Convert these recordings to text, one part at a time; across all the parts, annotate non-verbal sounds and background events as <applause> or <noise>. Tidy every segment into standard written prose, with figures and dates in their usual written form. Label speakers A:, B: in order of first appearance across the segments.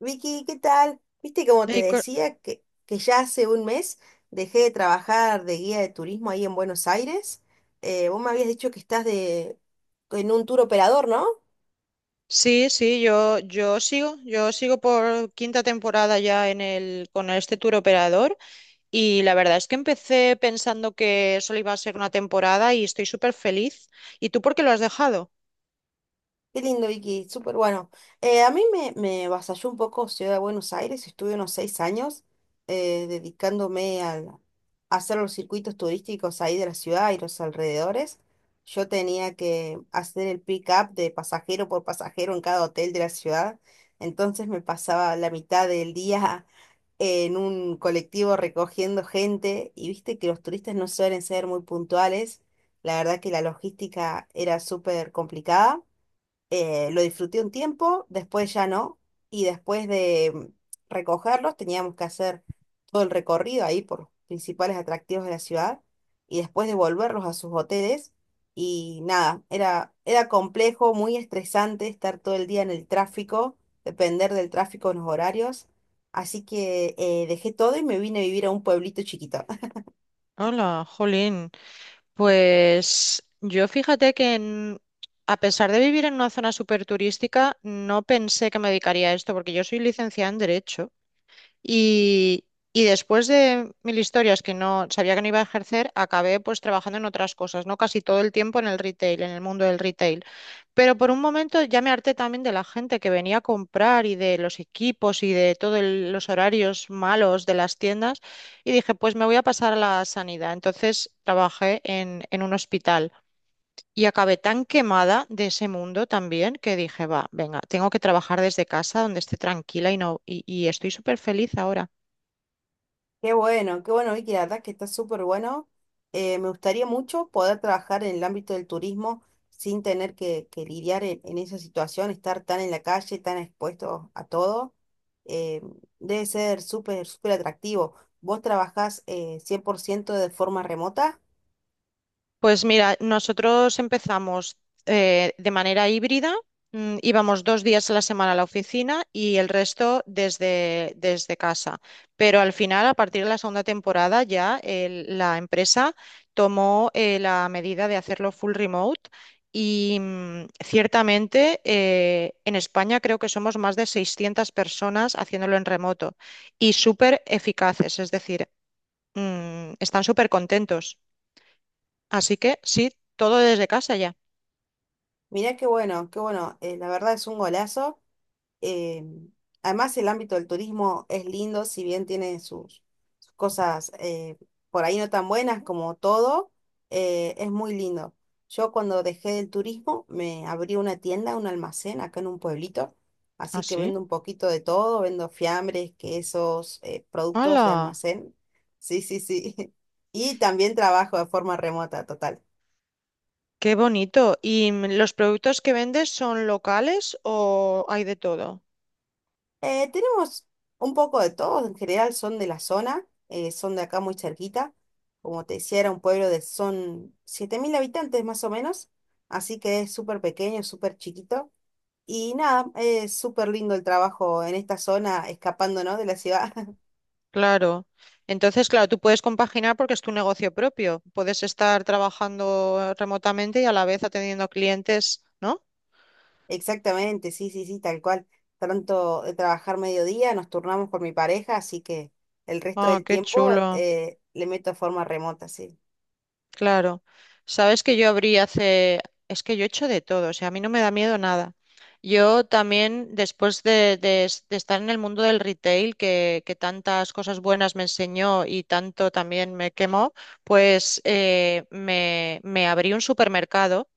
A: Vicky, ¿qué tal? Viste, como te
B: Y co-
A: decía, que ya hace un mes dejé de trabajar de guía de turismo ahí en Buenos Aires. Vos me habías dicho que en un tour operador, ¿no?
B: Sí, sí, yo sigo por quinta temporada ya con este tour operador y la verdad es que empecé pensando que solo iba a ser una temporada y estoy súper feliz. ¿Y tú por qué lo has dejado?
A: Qué lindo, Vicky, súper bueno. A mí me avasalló un poco Ciudad de Buenos Aires, estuve unos 6 años eh, dedicándome al- a hacer los circuitos turísticos ahí de la ciudad y los alrededores. Yo tenía que hacer el pick-up de pasajero por pasajero en cada hotel de la ciudad, entonces me pasaba la mitad del día <laughs> en un colectivo recogiendo gente, y viste que los turistas no suelen ser muy puntuales, la verdad que la logística era súper complicada. Lo disfruté un tiempo, después ya no, y después de recogerlos teníamos que hacer todo el recorrido ahí por los principales atractivos de la ciudad y después devolverlos a sus hoteles. Y nada, era complejo, muy estresante estar todo el día en el tráfico, depender del tráfico en los horarios, así que dejé todo y me vine a vivir a un pueblito chiquito.
B: Hola, Jolín. Pues yo fíjate que a pesar de vivir en una zona súper turística, no pensé que me dedicaría a esto porque yo soy licenciada en Derecho. Y, y después de mil historias que no sabía que no iba a ejercer, acabé pues trabajando en otras cosas, ¿no? Casi todo el tiempo en el retail, en el mundo del retail. Pero por un momento ya me harté también de la gente que venía a comprar y de los equipos y de todos los horarios malos de las tiendas y dije, pues me voy a pasar a la sanidad. Entonces trabajé en un hospital. Y acabé tan quemada de ese mundo también que dije, va, venga, tengo que trabajar desde casa donde esté tranquila y no, y estoy súper feliz ahora.
A: Qué bueno, Vicky, la verdad que está súper bueno. Me gustaría mucho poder trabajar en el ámbito del turismo sin tener que lidiar en esa situación, estar tan en la calle, tan expuesto a todo. Eh, Debe ser súper, súper atractivo. Vos trabajás 100% de forma remota.
B: Pues mira, nosotros empezamos de manera híbrida, íbamos 2 días a la semana a la oficina y el resto desde, desde casa. Pero al final, a partir de la segunda temporada, ya la empresa tomó la medida de hacerlo full remote y ciertamente en España creo que somos más de 600 personas haciéndolo en remoto y súper eficaces, es decir, están súper contentos. Así que sí, todo desde casa ya.
A: Mirá qué bueno, qué bueno. La verdad es un golazo. Eh, Además, el ámbito del turismo es lindo, si bien tiene sus cosas por ahí no tan buenas como todo, es muy lindo. Yo cuando dejé el turismo me abrí una tienda, un almacén acá en un pueblito,
B: ¿Ah,
A: así que
B: sí?
A: vendo un poquito de todo, vendo fiambres, quesos, productos de
B: ¡Hala!
A: almacén. Sí, sí, sí. <laughs> Y también trabajo de forma remota, total.
B: ¡Qué bonito! ¿Y los productos que vendes son locales o hay de todo?
A: Tenemos un poco de todo, en general son de la zona, son de acá muy cerquita. Como te decía, era un pueblo de, son 7000 habitantes más o menos, así que es súper pequeño, súper chiquito. Y nada, es súper lindo el trabajo en esta zona, escapando, ¿no?, de la ciudad. <laughs>
B: Claro. Entonces, claro, tú puedes compaginar porque es tu negocio propio. Puedes estar trabajando remotamente y a la vez atendiendo clientes, ¿no?
A: Exactamente, sí, sí, sí, tal cual. Tanto de trabajar mediodía, nos turnamos con mi pareja, así que el resto
B: Ah,
A: del
B: qué
A: tiempo
B: chulo.
A: le meto forma remota, sí.
B: Claro, sabes que yo abrí hace, es que yo he hecho de todo, o sea, a mí no me da miedo nada. Yo también, después de estar en el mundo del retail, que tantas cosas buenas me enseñó y tanto también me quemó, pues me abrí un supermercado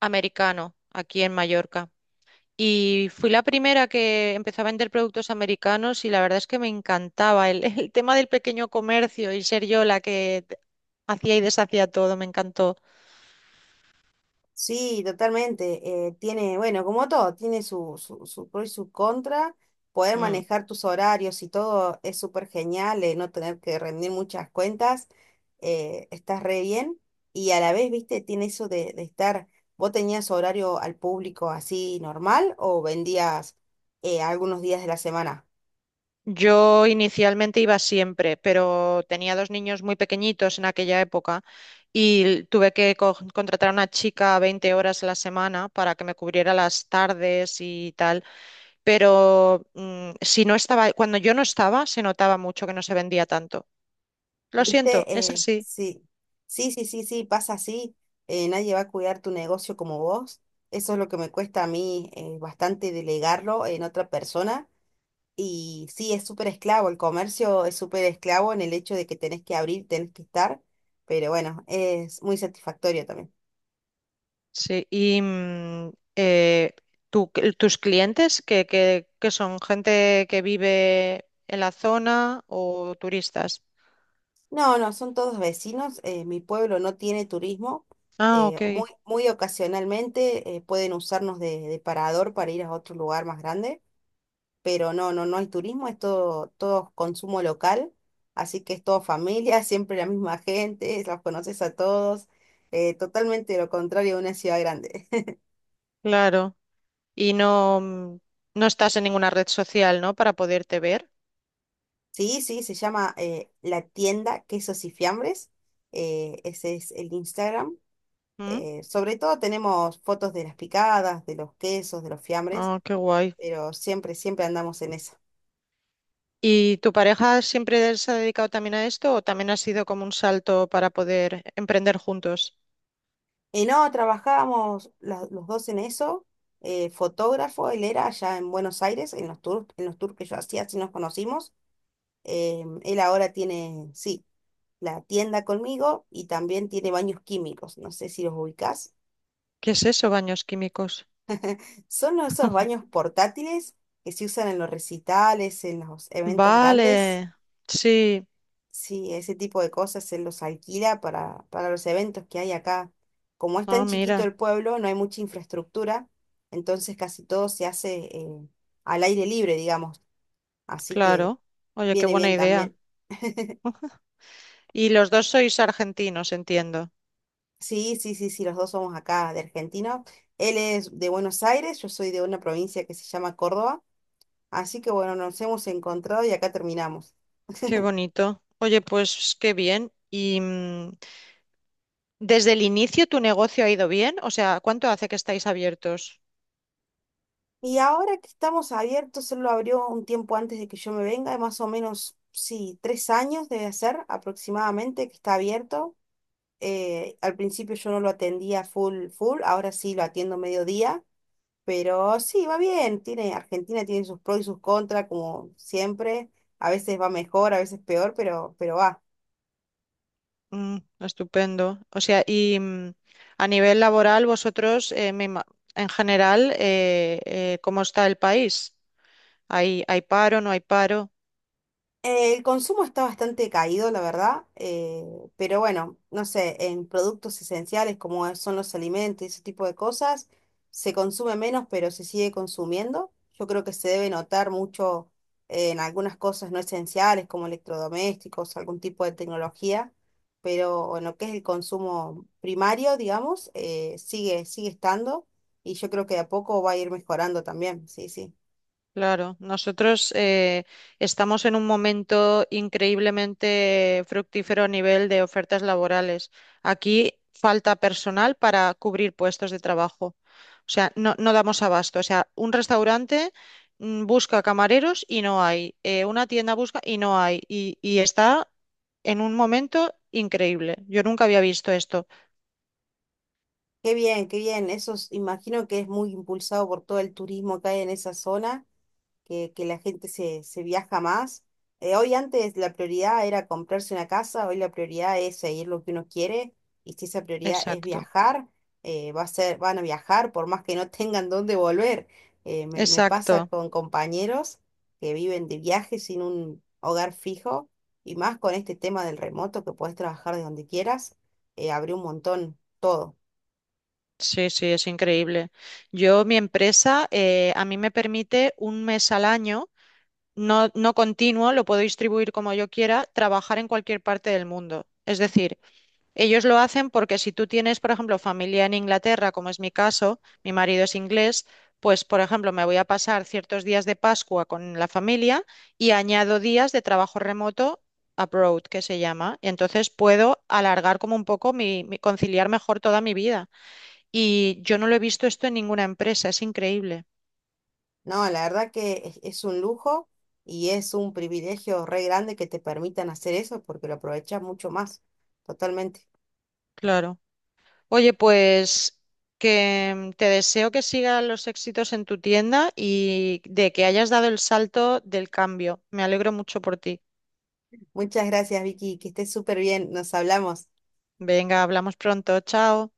B: americano aquí en Mallorca. Y fui la primera que empezó a vender productos americanos y la verdad es que me encantaba el, <laughs> el tema del pequeño comercio y ser yo la que hacía y deshacía todo, me encantó.
A: Sí, totalmente. Tiene, bueno, como todo, tiene su pro y su contra. Poder
B: Mm.
A: manejar tus horarios y todo es súper genial, no tener que rendir muchas cuentas, estás re bien. Y a la vez, viste, tiene eso de estar, ¿vos tenías horario al público así normal o vendías algunos días de la semana?
B: Yo inicialmente iba siempre, pero tenía dos niños muy pequeñitos en aquella época y tuve que contratar a una chica 20 horas a la semana para que me cubriera las tardes y tal. Pero si no estaba, cuando yo no estaba, se notaba mucho que no se vendía tanto. Lo siento,
A: ¿Viste?
B: es así.
A: Sí, sí, pasa así. Nadie va a cuidar tu negocio como vos. Eso es lo que me cuesta a mí bastante delegarlo en otra persona. Y sí, es súper esclavo. El comercio es súper esclavo en el hecho de que tenés que abrir, tenés que estar. Pero bueno, es muy satisfactorio también.
B: Sí, y tus clientes, que son gente que vive en la zona o turistas.
A: No, no, son todos vecinos. Mi pueblo no tiene turismo.
B: Ah, ok,
A: Muy, muy ocasionalmente pueden usarnos de parador para ir a otro lugar más grande, pero no, no, no hay turismo, es todo, todo consumo local, así que es todo familia, <laughs> siempre la misma gente, los conoces a todos, totalmente lo contrario de una ciudad grande. <laughs>
B: claro. Y no, no estás en ninguna red social, ¿no? Para poderte ver.
A: Sí, sí, se llama La Tienda Quesos y Fiambres, ese es el Instagram.
B: ¿Mm?
A: Sobre todo tenemos fotos de las picadas, de los quesos, de los fiambres,
B: Ah, qué guay.
A: pero siempre, siempre andamos en esa.
B: ¿Y tu pareja siempre se ha dedicado también a esto o también ha sido como un salto para poder emprender juntos?
A: Y no, trabajábamos los dos en eso. Fotógrafo, él era allá en Buenos Aires, en los tours que yo hacía, así nos conocimos. Él ahora tiene, sí, la tienda conmigo, y también tiene baños químicos, no sé si los ubicás.
B: ¿Qué es eso, baños químicos?
A: Son esos baños portátiles que se usan en los recitales, en los eventos grandes.
B: Vale, sí.
A: Sí, ese tipo de cosas se los alquila para los eventos que hay acá. Como es
B: Ah,
A: tan chiquito
B: mira.
A: el pueblo, no hay mucha infraestructura, entonces casi todo se hace al aire libre, digamos. Así que
B: Claro. Oye, qué
A: viene
B: buena
A: bien
B: idea.
A: también.
B: <laughs> Y los dos sois argentinos, entiendo.
A: Sí, sí, sí, sí, los dos somos acá de Argentina. Él es de Buenos Aires, yo soy de una provincia que se llama Córdoba. Así que bueno, nos hemos encontrado y acá terminamos.
B: Qué bonito. Oye, pues qué bien. ¿Y desde el inicio tu negocio ha ido bien? O sea, ¿cuánto hace que estáis abiertos?
A: Y ahora que estamos abiertos, él lo abrió un tiempo antes de que yo me venga, más o menos, sí, 3 años debe ser aproximadamente que está abierto. Al principio yo no lo atendía full, full, ahora sí lo atiendo mediodía, pero sí, va bien, tiene, Argentina tiene sus pros y sus contras, como siempre, a veces va mejor, a veces peor, pero va.
B: Mm, estupendo. O sea, y a nivel laboral, vosotros, en general, ¿cómo está el país? ¿Hay paro, no hay paro?
A: El consumo está bastante caído, la verdad, pero bueno, no sé, en productos esenciales como son los alimentos y ese tipo de cosas, se consume menos, pero se sigue consumiendo. Yo creo que se debe notar mucho en algunas cosas no esenciales como electrodomésticos, algún tipo de tecnología, pero en lo que es el consumo primario, digamos, sigue, sigue estando, y yo creo que de a poco va a ir mejorando también, sí, sí.
B: Claro, nosotros estamos en un momento increíblemente fructífero a nivel de ofertas laborales. Aquí falta personal para cubrir puestos de trabajo. O sea, no damos abasto. O sea, un restaurante busca camareros y no hay. Una tienda busca y no hay. Y está en un momento increíble. Yo nunca había visto esto.
A: Qué bien, qué bien. Eso es- imagino que es muy impulsado por todo el turismo que hay en esa zona, que la gente se viaja más. Hoy antes la prioridad era comprarse una casa, hoy la prioridad es seguir lo que uno quiere, y si esa prioridad es
B: Exacto,
A: viajar, va a ser, van a viajar por más que no <laughs> tengan dónde volver. Me pasa
B: exacto.
A: con compañeros que viven de viaje sin un hogar fijo, y más con este tema del remoto, que podés trabajar de donde quieras, abrió un montón todo.
B: Sí, sí, es increíble. Yo, mi empresa, a mí me permite un mes al año, no continuo, lo puedo distribuir como yo quiera, trabajar en cualquier parte del mundo. Es decir, ellos lo hacen porque si tú tienes, por ejemplo, familia en Inglaterra, como es mi caso, mi marido es inglés, pues, por ejemplo, me voy a pasar ciertos días de Pascua con la familia y añado días de trabajo remoto abroad, que se llama. Y entonces puedo alargar como un poco conciliar mejor toda mi vida. Y yo no lo he visto esto en ninguna empresa, es increíble,
A: No, la verdad que es un lujo y es un privilegio re grande que te permitan hacer eso porque lo aprovechas mucho más, totalmente.
B: claro. Oye, pues que te deseo que sigan los éxitos en tu tienda y de que hayas dado el salto del cambio. Me alegro mucho por ti.
A: Muchas gracias, Vicky, que estés súper bien, nos hablamos.
B: Venga, hablamos pronto, chao.